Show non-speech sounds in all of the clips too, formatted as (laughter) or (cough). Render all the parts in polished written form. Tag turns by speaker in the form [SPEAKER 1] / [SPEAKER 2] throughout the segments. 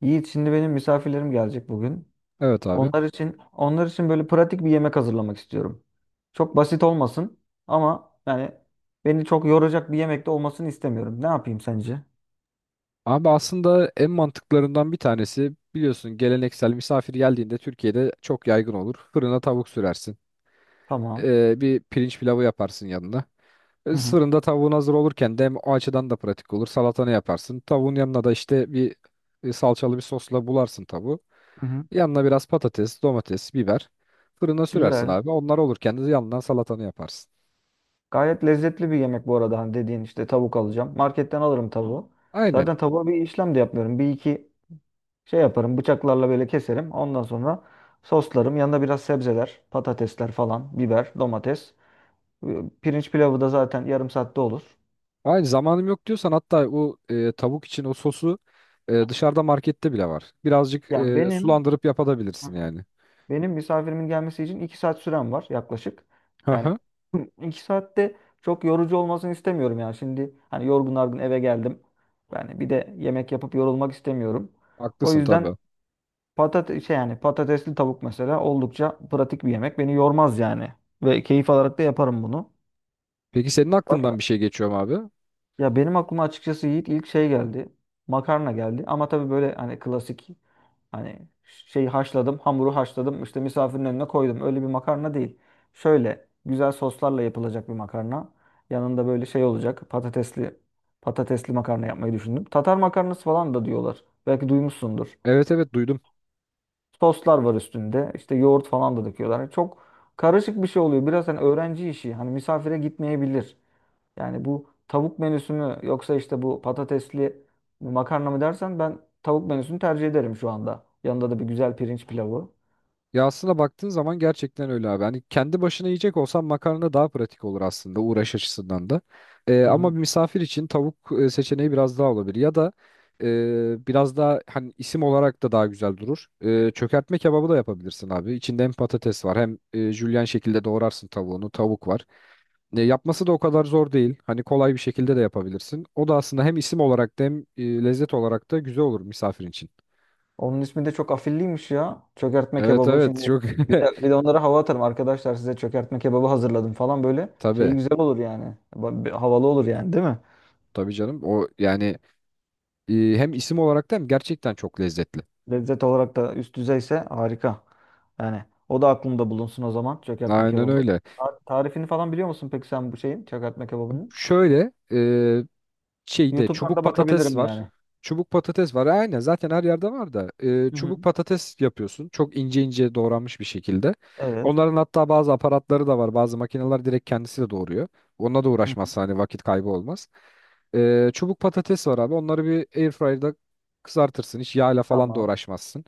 [SPEAKER 1] Yiğit, şimdi benim misafirlerim gelecek bugün.
[SPEAKER 2] Evet abi.
[SPEAKER 1] Onlar için böyle pratik bir yemek hazırlamak istiyorum. Çok basit olmasın ama yani beni çok yoracak bir yemek de olmasını istemiyorum. Ne yapayım sence?
[SPEAKER 2] Abi aslında en mantıklarından bir tanesi biliyorsun geleneksel misafir geldiğinde Türkiye'de çok yaygın olur. Fırına tavuk sürersin.
[SPEAKER 1] Tamam.
[SPEAKER 2] Bir pirinç pilavı yaparsın yanına.
[SPEAKER 1] Hı hı.
[SPEAKER 2] Fırında tavuğun hazır olurken de hem o açıdan da pratik olur. Salatanı yaparsın. Tavuğun yanına da işte bir salçalı bir sosla bularsın tavuğu.
[SPEAKER 1] Hı hı.
[SPEAKER 2] Yanına biraz patates, domates, biber. Fırına sürersin
[SPEAKER 1] Güzel.
[SPEAKER 2] abi. Onlar olurken de yanından salatanı yaparsın.
[SPEAKER 1] Gayet lezzetli bir yemek bu arada, hani dediğin işte, tavuk alacağım. Marketten alırım tavuğu.
[SPEAKER 2] Aynen.
[SPEAKER 1] Zaten tavuğa bir işlem de yapmıyorum. Bir iki şey yaparım. Bıçaklarla böyle keserim. Ondan sonra soslarım. Yanında biraz sebzeler, patatesler falan, biber, domates. E, Pirinç pilavı da zaten yarım saatte olur.
[SPEAKER 2] Hayır zamanım yok diyorsan hatta o tavuk için o sosu dışarıda markette bile var. Birazcık
[SPEAKER 1] Ya benim
[SPEAKER 2] sulandırıp
[SPEAKER 1] Hı
[SPEAKER 2] yapabilirsin
[SPEAKER 1] hı.
[SPEAKER 2] yani.
[SPEAKER 1] Benim misafirimin gelmesi için 2 saat sürem var yaklaşık.
[SPEAKER 2] Hı
[SPEAKER 1] Yani
[SPEAKER 2] hı.
[SPEAKER 1] (clears throat) 2 saatte çok yorucu olmasını istemiyorum yani. Şimdi hani yorgun argın eve geldim. Yani bir de yemek yapıp yorulmak istemiyorum. O
[SPEAKER 2] Haklısın
[SPEAKER 1] yüzden
[SPEAKER 2] tabii.
[SPEAKER 1] patates şey, yani patatesli tavuk mesela oldukça pratik bir yemek. Beni yormaz yani. Ve keyif alarak da yaparım bunu.
[SPEAKER 2] Peki senin
[SPEAKER 1] Başka?
[SPEAKER 2] aklından bir şey geçiyor mu abi?
[SPEAKER 1] Ya benim aklıma açıkçası Yiğit ilk şey geldi. Makarna geldi. Ama tabii böyle hani klasik, hani şeyi haşladım, hamuru haşladım, işte misafirin önüne koydum, öyle bir makarna değil. Şöyle güzel soslarla yapılacak bir makarna. Yanında böyle şey olacak. Patatesli makarna yapmayı düşündüm. Tatar makarnası falan da diyorlar. Belki duymuşsundur.
[SPEAKER 2] Evet, evet, duydum.
[SPEAKER 1] Soslar var üstünde. İşte yoğurt falan da döküyorlar. Hani çok karışık bir şey oluyor. Biraz hani öğrenci işi. Hani misafire gitmeyebilir. Yani bu tavuk menüsü mü, yoksa işte bu patatesli makarna mı dersen, ben tavuk menüsünü tercih ederim şu anda. Yanında da bir güzel pirinç pilavı.
[SPEAKER 2] Ya aslında baktığın zaman gerçekten öyle abi. Hani kendi başına yiyecek olsan makarna daha pratik olur aslında uğraş açısından da.
[SPEAKER 1] Hı
[SPEAKER 2] Ama
[SPEAKER 1] hı.
[SPEAKER 2] bir misafir için tavuk seçeneği biraz daha olabilir. Ya da biraz daha hani isim olarak da daha güzel durur. Çökertme kebabı da yapabilirsin abi. İçinde hem patates var hem jülyen şekilde doğrarsın tavuğunu. Tavuk var. Yapması da o kadar zor değil. Hani kolay bir şekilde de yapabilirsin. O da aslında hem isim olarak da hem lezzet olarak da güzel olur misafir için.
[SPEAKER 1] Onun ismi de çok afilliymiş ya. Çökertme
[SPEAKER 2] Evet,
[SPEAKER 1] kebabı.
[SPEAKER 2] evet,
[SPEAKER 1] Şimdi
[SPEAKER 2] çok
[SPEAKER 1] bir de onlara hava atarım. Arkadaşlar, size çökertme kebabı hazırladım falan böyle.
[SPEAKER 2] (laughs)
[SPEAKER 1] Şeyi
[SPEAKER 2] tabii.
[SPEAKER 1] güzel olur yani. Bir havalı olur yani, değil mi?
[SPEAKER 2] Tabii canım. O yani E, hem isim olarak da hem gerçekten çok lezzetli.
[SPEAKER 1] Lezzet olarak da üst düzeyse harika. Yani o da aklımda bulunsun o zaman, çökertme
[SPEAKER 2] Aynen
[SPEAKER 1] kebabı.
[SPEAKER 2] öyle.
[SPEAKER 1] Tarifini falan biliyor musun peki sen, bu şeyin, çökertme kebabının?
[SPEAKER 2] Şöyle şeyde
[SPEAKER 1] YouTube'dan
[SPEAKER 2] çubuk
[SPEAKER 1] da
[SPEAKER 2] patates
[SPEAKER 1] bakabilirim
[SPEAKER 2] var.
[SPEAKER 1] yani.
[SPEAKER 2] Çubuk patates var. Aynen zaten her yerde var da.
[SPEAKER 1] Hı hı.
[SPEAKER 2] Çubuk patates yapıyorsun. Çok ince ince doğranmış bir şekilde.
[SPEAKER 1] Evet.
[SPEAKER 2] Onların hatta bazı aparatları da var. Bazı makineler direkt kendisi de doğuruyor. Onunla da
[SPEAKER 1] Hı hı.
[SPEAKER 2] uğraşmazsa hani vakit kaybı olmaz. Çubuk patates var abi. Onları bir airfryer'da kızartırsın. Hiç yağla falan da
[SPEAKER 1] Tamam.
[SPEAKER 2] uğraşmazsın.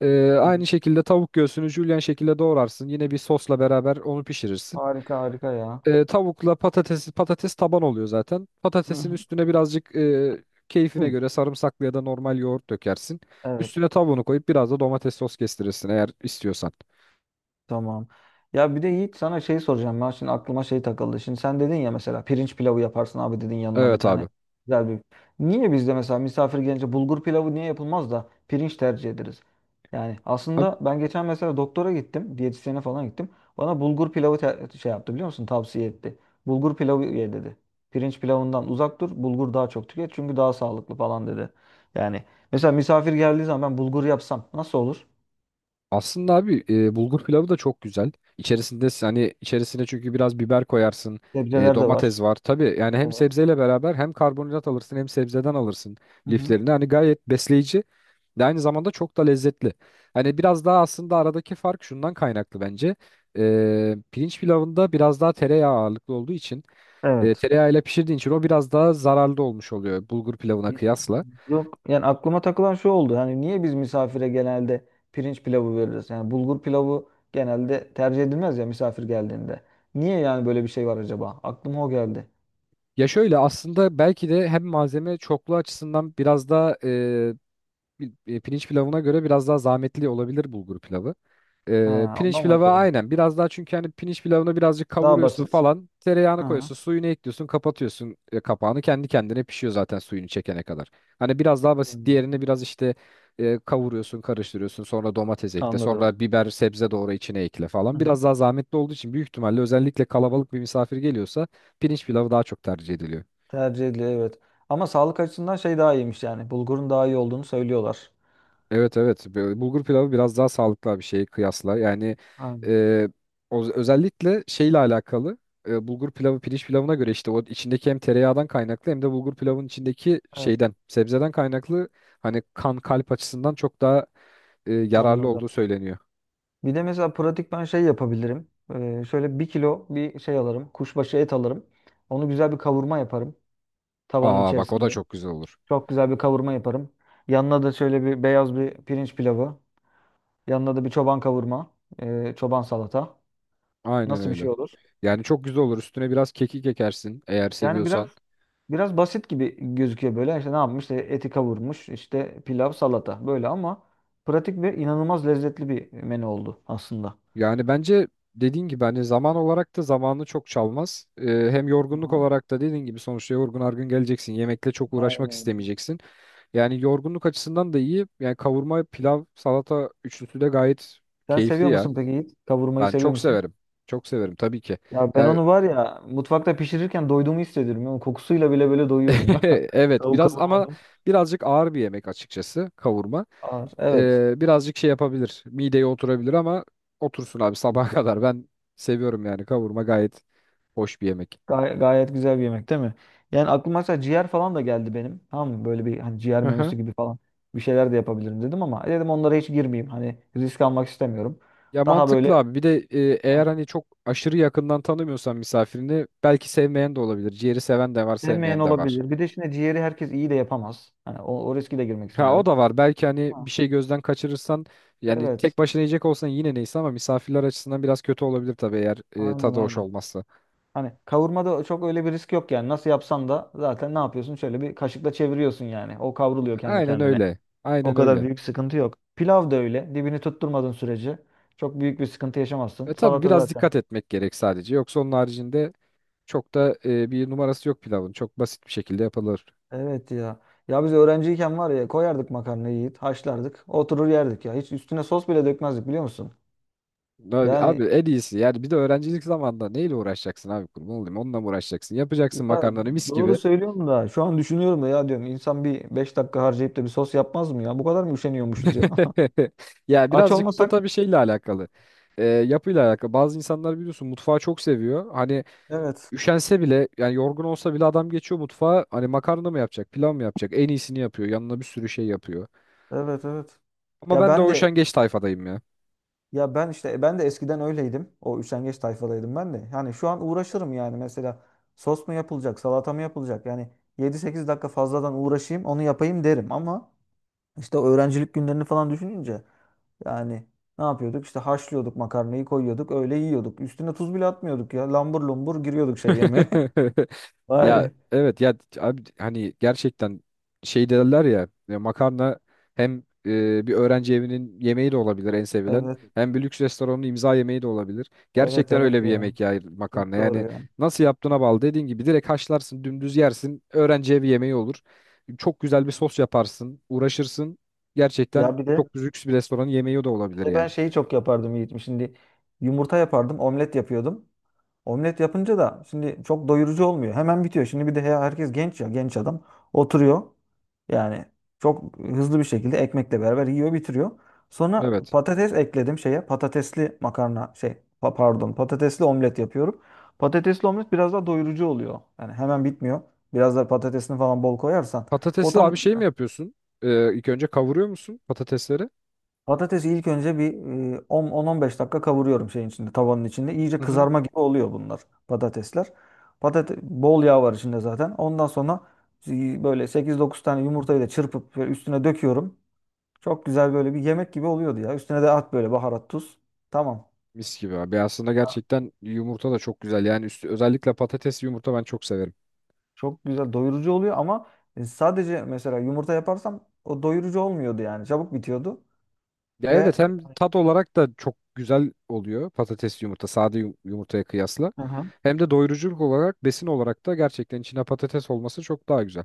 [SPEAKER 1] Hı hı.
[SPEAKER 2] Aynı şekilde tavuk göğsünü jülyen şekilde doğrarsın. Yine bir sosla beraber onu pişirirsin.
[SPEAKER 1] Harika harika ya.
[SPEAKER 2] Tavukla patates taban oluyor zaten.
[SPEAKER 1] Hı
[SPEAKER 2] Patatesin
[SPEAKER 1] hı.
[SPEAKER 2] üstüne birazcık keyfine
[SPEAKER 1] Hı.
[SPEAKER 2] göre sarımsaklı ya da normal yoğurt dökersin.
[SPEAKER 1] Evet.
[SPEAKER 2] Üstüne tavuğunu koyup biraz da domates sos kestirirsin eğer istiyorsan.
[SPEAKER 1] Tamam. Ya bir de Yiğit, sana şey soracağım. Ben, şimdi aklıma şey takıldı. Şimdi sen dedin ya mesela, pirinç pilavı yaparsın abi dedin, yanına bir
[SPEAKER 2] Evet
[SPEAKER 1] tane
[SPEAKER 2] abi.
[SPEAKER 1] güzel bir. Niye bizde mesela misafir gelince bulgur pilavı niye yapılmaz da pirinç tercih ederiz? Yani aslında ben geçen mesela doktora gittim. Diyetisyene falan gittim. Bana bulgur pilavı şey yaptı, biliyor musun? Tavsiye etti. Bulgur pilavı ye dedi. Pirinç pilavından uzak dur. Bulgur daha çok tüket çünkü daha sağlıklı falan dedi. Yani mesela misafir geldiği zaman ben bulgur yapsam nasıl olur?
[SPEAKER 2] Aslında abi bulgur pilavı da çok güzel. İçerisinde hani içerisine çünkü biraz biber koyarsın.
[SPEAKER 1] Sebzeler de var.
[SPEAKER 2] Domates var. Tabii yani hem
[SPEAKER 1] Evet.
[SPEAKER 2] sebzeyle beraber hem karbonhidrat alırsın hem sebzeden alırsın liflerini. Hani gayet besleyici ve aynı zamanda çok da lezzetli. Hani biraz daha aslında aradaki fark şundan kaynaklı bence. Pirinç pilavında biraz daha tereyağı ağırlıklı olduğu için
[SPEAKER 1] Evet.
[SPEAKER 2] tereyağıyla pişirdiğin için o biraz daha zararlı olmuş oluyor bulgur pilavına
[SPEAKER 1] Y-
[SPEAKER 2] kıyasla.
[SPEAKER 1] Yok, yani aklıma takılan şu oldu. Hani niye biz misafire genelde pirinç pilavı veririz? Yani bulgur pilavı genelde tercih edilmez ya misafir geldiğinde. Niye yani böyle bir şey var acaba? Aklıma o geldi.
[SPEAKER 2] Ya şöyle aslında belki de hem malzeme çokluğu açısından biraz daha pirinç pilavına göre biraz daha zahmetli olabilir bulgur pilavı.
[SPEAKER 1] Ha,
[SPEAKER 2] Pirinç
[SPEAKER 1] ondan mı
[SPEAKER 2] pilavı
[SPEAKER 1] acaba?
[SPEAKER 2] aynen biraz daha çünkü hani pirinç pilavını birazcık
[SPEAKER 1] Daha
[SPEAKER 2] kavuruyorsun
[SPEAKER 1] basit.
[SPEAKER 2] falan tereyağını
[SPEAKER 1] Aha.
[SPEAKER 2] koyuyorsun suyunu ekliyorsun kapatıyorsun kapağını kendi kendine pişiyor zaten suyunu çekene kadar. Hani biraz daha basit
[SPEAKER 1] Hmm.
[SPEAKER 2] diğerini biraz işte kavuruyorsun karıştırıyorsun sonra domates ekle
[SPEAKER 1] Anladım.
[SPEAKER 2] sonra biber sebze doğru içine ekle falan
[SPEAKER 1] Hı-hı.
[SPEAKER 2] biraz daha zahmetli olduğu için büyük ihtimalle özellikle kalabalık bir misafir geliyorsa pirinç pilavı daha çok tercih ediliyor.
[SPEAKER 1] Tercih ediliyor, evet. Ama sağlık açısından şey daha iyiymiş yani. Bulgurun daha iyi olduğunu söylüyorlar.
[SPEAKER 2] Evet, evet. Böyle bulgur pilavı biraz daha sağlıklı bir şeye kıyasla yani
[SPEAKER 1] Aynen.
[SPEAKER 2] e, özellikle şeyle alakalı bulgur pilavı pirinç pilavına göre işte o içindeki hem tereyağından kaynaklı hem de bulgur pilavın içindeki
[SPEAKER 1] Evet,
[SPEAKER 2] şeyden sebzeden kaynaklı hani kan kalp açısından çok daha yararlı olduğu
[SPEAKER 1] anladım.
[SPEAKER 2] söyleniyor.
[SPEAKER 1] Bir de mesela pratik ben şey yapabilirim. Şöyle bir kilo bir şey alırım. Kuşbaşı et alırım. Onu güzel bir kavurma yaparım tavanın
[SPEAKER 2] Aa bak o da
[SPEAKER 1] içerisinde.
[SPEAKER 2] çok güzel olur.
[SPEAKER 1] Çok güzel bir kavurma yaparım. Yanına da şöyle bir beyaz bir pirinç pilavı. Yanına da bir çoban kavurma, çoban salata.
[SPEAKER 2] Aynen
[SPEAKER 1] Nasıl bir
[SPEAKER 2] öyle.
[SPEAKER 1] şey olur?
[SPEAKER 2] Yani çok güzel olur üstüne biraz kekik ekersin eğer
[SPEAKER 1] Yani biraz
[SPEAKER 2] seviyorsan.
[SPEAKER 1] biraz basit gibi gözüküyor böyle. İşte ne yapmış? İşte eti kavurmuş, işte pilav, salata, böyle, ama pratik ve inanılmaz lezzetli bir menü oldu aslında.
[SPEAKER 2] Yani bence dediğin gibi hani zaman olarak da zamanını çok çalmaz. Hem yorgunluk
[SPEAKER 1] Aha,
[SPEAKER 2] olarak da dediğin gibi sonuçta yorgun argın geleceksin. Yemekle çok uğraşmak
[SPEAKER 1] aynen.
[SPEAKER 2] istemeyeceksin. Yani yorgunluk açısından da iyi. Yani kavurma, pilav, salata üçlüsü de gayet
[SPEAKER 1] Sen
[SPEAKER 2] keyifli
[SPEAKER 1] seviyor
[SPEAKER 2] ya.
[SPEAKER 1] musun peki Yiğit? Kavurmayı
[SPEAKER 2] Ben
[SPEAKER 1] seviyor
[SPEAKER 2] çok
[SPEAKER 1] musun?
[SPEAKER 2] severim. Çok severim tabii ki.
[SPEAKER 1] Ya ben
[SPEAKER 2] Ya
[SPEAKER 1] onu var ya, mutfakta pişirirken doyduğumu hissediyorum. Yani kokusuyla bile böyle doyuyorum
[SPEAKER 2] (laughs)
[SPEAKER 1] ya. (laughs)
[SPEAKER 2] evet
[SPEAKER 1] Tavuk
[SPEAKER 2] biraz ama
[SPEAKER 1] kavurmanın.
[SPEAKER 2] birazcık ağır bir yemek açıkçası kavurma.
[SPEAKER 1] Ağır. Evet.
[SPEAKER 2] Birazcık şey yapabilir. Mideye oturabilir ama otursun abi sabaha (laughs) kadar. Ben seviyorum yani kavurma gayet hoş bir yemek.
[SPEAKER 1] Gayet güzel bir yemek, değil mi? Yani aklıma mesela ciğer falan da geldi benim. Tamam mı? Böyle bir hani ciğer menüsü
[SPEAKER 2] (laughs)
[SPEAKER 1] gibi falan bir şeyler de yapabilirim dedim, ama dedim onlara hiç girmeyeyim. Hani risk almak istemiyorum.
[SPEAKER 2] Ya
[SPEAKER 1] Daha böyle,
[SPEAKER 2] mantıklı abi. Bir de eğer
[SPEAKER 1] ha,
[SPEAKER 2] hani çok aşırı yakından tanımıyorsan misafirini belki sevmeyen de olabilir. Ciğeri seven de var,
[SPEAKER 1] sevmeyen
[SPEAKER 2] sevmeyen de var.
[SPEAKER 1] olabilir. Bir de şimdi ciğeri herkes iyi de yapamaz. Hani o, o riski de girmek
[SPEAKER 2] Ha o
[SPEAKER 1] istemedim.
[SPEAKER 2] da var. Belki hani bir
[SPEAKER 1] Ha,
[SPEAKER 2] şey gözden kaçırırsan yani
[SPEAKER 1] evet.
[SPEAKER 2] tek başına yiyecek olsan yine neyse ama misafirler açısından biraz kötü olabilir tabii eğer
[SPEAKER 1] Aynen
[SPEAKER 2] tadı hoş
[SPEAKER 1] aynen.
[SPEAKER 2] olmazsa.
[SPEAKER 1] Hani kavurmada çok öyle bir risk yok yani. Nasıl yapsan da zaten, ne yapıyorsun? Şöyle bir kaşıkla çeviriyorsun yani. O kavruluyor kendi
[SPEAKER 2] Aynen
[SPEAKER 1] kendine.
[SPEAKER 2] öyle.
[SPEAKER 1] O
[SPEAKER 2] Aynen
[SPEAKER 1] kadar
[SPEAKER 2] öyle.
[SPEAKER 1] büyük sıkıntı yok. Pilav da öyle. Dibini tutturmadığın sürece çok büyük bir sıkıntı
[SPEAKER 2] E
[SPEAKER 1] yaşamazsın.
[SPEAKER 2] tabii
[SPEAKER 1] Salata
[SPEAKER 2] biraz
[SPEAKER 1] zaten.
[SPEAKER 2] dikkat etmek gerek sadece. Yoksa onun haricinde çok da bir numarası yok pilavın. Çok basit bir şekilde yapılır.
[SPEAKER 1] Evet ya. Ya biz öğrenciyken var ya, koyardık makarnayı yiyip haşlardık. Oturur yerdik ya. Hiç üstüne sos bile dökmezdik, biliyor musun?
[SPEAKER 2] Abi,
[SPEAKER 1] Yani
[SPEAKER 2] abi en iyisi yani bir de öğrencilik zamanında neyle uğraşacaksın abi, kurban olayım, onunla mı uğraşacaksın, yapacaksın
[SPEAKER 1] ya,
[SPEAKER 2] makarnanı mis
[SPEAKER 1] doğru
[SPEAKER 2] gibi.
[SPEAKER 1] söylüyorum da, şu an düşünüyorum da, ya diyorum insan bir 5 dakika harcayıp da bir sos yapmaz mı ya? Bu kadar mı üşeniyormuşuz ya? (laughs)
[SPEAKER 2] (laughs) Ya
[SPEAKER 1] Aç
[SPEAKER 2] birazcık da
[SPEAKER 1] olmasak.
[SPEAKER 2] tabii şeyle alakalı. Yapıyla alakalı bazı insanlar biliyorsun mutfağı çok seviyor, hani
[SPEAKER 1] Evet.
[SPEAKER 2] üşense bile yani yorgun olsa bile adam geçiyor mutfağa, hani makarna mı yapacak pilav mı yapacak en iyisini yapıyor yanına bir sürü şey yapıyor,
[SPEAKER 1] Evet evet.
[SPEAKER 2] ama
[SPEAKER 1] Ya
[SPEAKER 2] ben de
[SPEAKER 1] ben
[SPEAKER 2] o
[SPEAKER 1] de
[SPEAKER 2] üşengeç tayfadayım ya.
[SPEAKER 1] Ben de eskiden öyleydim. O üşengeç tayfadaydım ben de. Yani şu an uğraşırım yani, mesela sos mu yapılacak, salata mı yapılacak? Yani 7-8 dakika fazladan uğraşayım, onu yapayım derim, ama işte o öğrencilik günlerini falan düşününce, yani ne yapıyorduk? İşte haşlıyorduk makarnayı, koyuyorduk, öyle yiyorduk. Üstüne tuz bile atmıyorduk ya. Lambur lumbur giriyorduk şey yeme.
[SPEAKER 2] (laughs)
[SPEAKER 1] (laughs) Vay
[SPEAKER 2] Ya
[SPEAKER 1] be.
[SPEAKER 2] evet ya abi hani gerçekten şey derler ya, makarna hem bir öğrenci evinin yemeği de olabilir en sevilen,
[SPEAKER 1] Evet.
[SPEAKER 2] hem bir lüks restoranın imza yemeği de olabilir.
[SPEAKER 1] Evet
[SPEAKER 2] Gerçekten öyle
[SPEAKER 1] evet
[SPEAKER 2] bir
[SPEAKER 1] ya.
[SPEAKER 2] yemek ya makarna
[SPEAKER 1] Çok doğru
[SPEAKER 2] yani,
[SPEAKER 1] ya.
[SPEAKER 2] nasıl yaptığına bağlı. Dediğin gibi direkt haşlarsın dümdüz yersin öğrenci evi yemeği olur. Çok güzel bir sos yaparsın, uğraşırsın, gerçekten
[SPEAKER 1] Ya bir de
[SPEAKER 2] çok lüks bir restoranın yemeği de olabilir
[SPEAKER 1] Ve ben
[SPEAKER 2] yani.
[SPEAKER 1] şeyi çok yapardım Yiğit'im. Şimdi yumurta yapardım, omlet yapıyordum. Omlet yapınca da şimdi çok doyurucu olmuyor. Hemen bitiyor. Şimdi bir de herkes genç ya, genç adam. Oturuyor. Yani çok hızlı bir şekilde ekmekle beraber yiyor, bitiriyor. Sonra
[SPEAKER 2] Evet.
[SPEAKER 1] patates ekledim şeye. Patatesli makarna şey, pardon, patatesli omlet yapıyorum. Patatesli omlet biraz daha doyurucu oluyor. Yani hemen bitmiyor. Biraz da patatesini falan bol koyarsan o
[SPEAKER 2] Patatesi
[SPEAKER 1] tam.
[SPEAKER 2] abi şey mi yapıyorsun, ilk önce kavuruyor musun patatesleri?
[SPEAKER 1] Patatesi ilk önce bir 10 10-15 dakika kavuruyorum şeyin içinde, tavanın içinde. İyice
[SPEAKER 2] Hı hı.
[SPEAKER 1] kızarma gibi oluyor bunlar, patatesler. Patate bol yağ var içinde zaten. Ondan sonra böyle 8-9 tane yumurtayı da çırpıp böyle üstüne döküyorum. Çok güzel böyle bir yemek gibi oluyordu ya. Üstüne de at böyle baharat, tuz. Tamam.
[SPEAKER 2] Mis gibi abi. Aslında
[SPEAKER 1] Ya,
[SPEAKER 2] gerçekten yumurta da çok güzel. Yani üstü, özellikle patatesli yumurta ben çok severim.
[SPEAKER 1] çok güzel doyurucu oluyor, ama sadece mesela yumurta yaparsam o doyurucu olmuyordu yani. Çabuk bitiyordu
[SPEAKER 2] Ya evet
[SPEAKER 1] ve
[SPEAKER 2] hem tat olarak da çok güzel oluyor patatesli yumurta sade yumurtaya kıyasla.
[SPEAKER 1] Hı hı.
[SPEAKER 2] Hem de doyuruculuk olarak besin olarak da gerçekten içine patates olması çok daha güzel.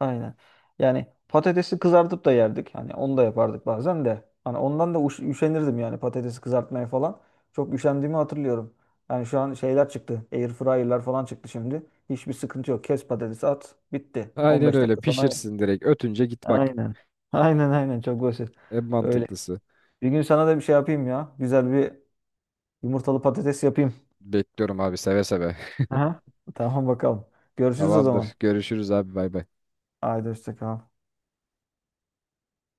[SPEAKER 1] Aynen. Yani patatesi kızartıp da yerdik. Hani onu da yapardık bazen de. Hani ondan da üşenirdim yani patatesi kızartmaya falan. Çok üşendiğimi hatırlıyorum. Yani şu an şeyler çıktı. Air fryer'lar falan çıktı şimdi. Hiçbir sıkıntı yok. Kes patatesi at. Bitti. On
[SPEAKER 2] Aynen
[SPEAKER 1] beş
[SPEAKER 2] öyle,
[SPEAKER 1] dakika sonra.
[SPEAKER 2] pişirsin direkt, ötünce git bak.
[SPEAKER 1] Aynen. (laughs) Aynen aynen, çok basit.
[SPEAKER 2] En
[SPEAKER 1] Öyle.
[SPEAKER 2] mantıklısı.
[SPEAKER 1] Bir gün sana da bir şey yapayım ya. Güzel bir yumurtalı patates yapayım.
[SPEAKER 2] Bekliyorum abi seve seve.
[SPEAKER 1] Aha. Tamam bakalım.
[SPEAKER 2] (laughs)
[SPEAKER 1] Görüşürüz o zaman.
[SPEAKER 2] Tamamdır. Görüşürüz abi, bay bay.
[SPEAKER 1] Haydi hoşça kal.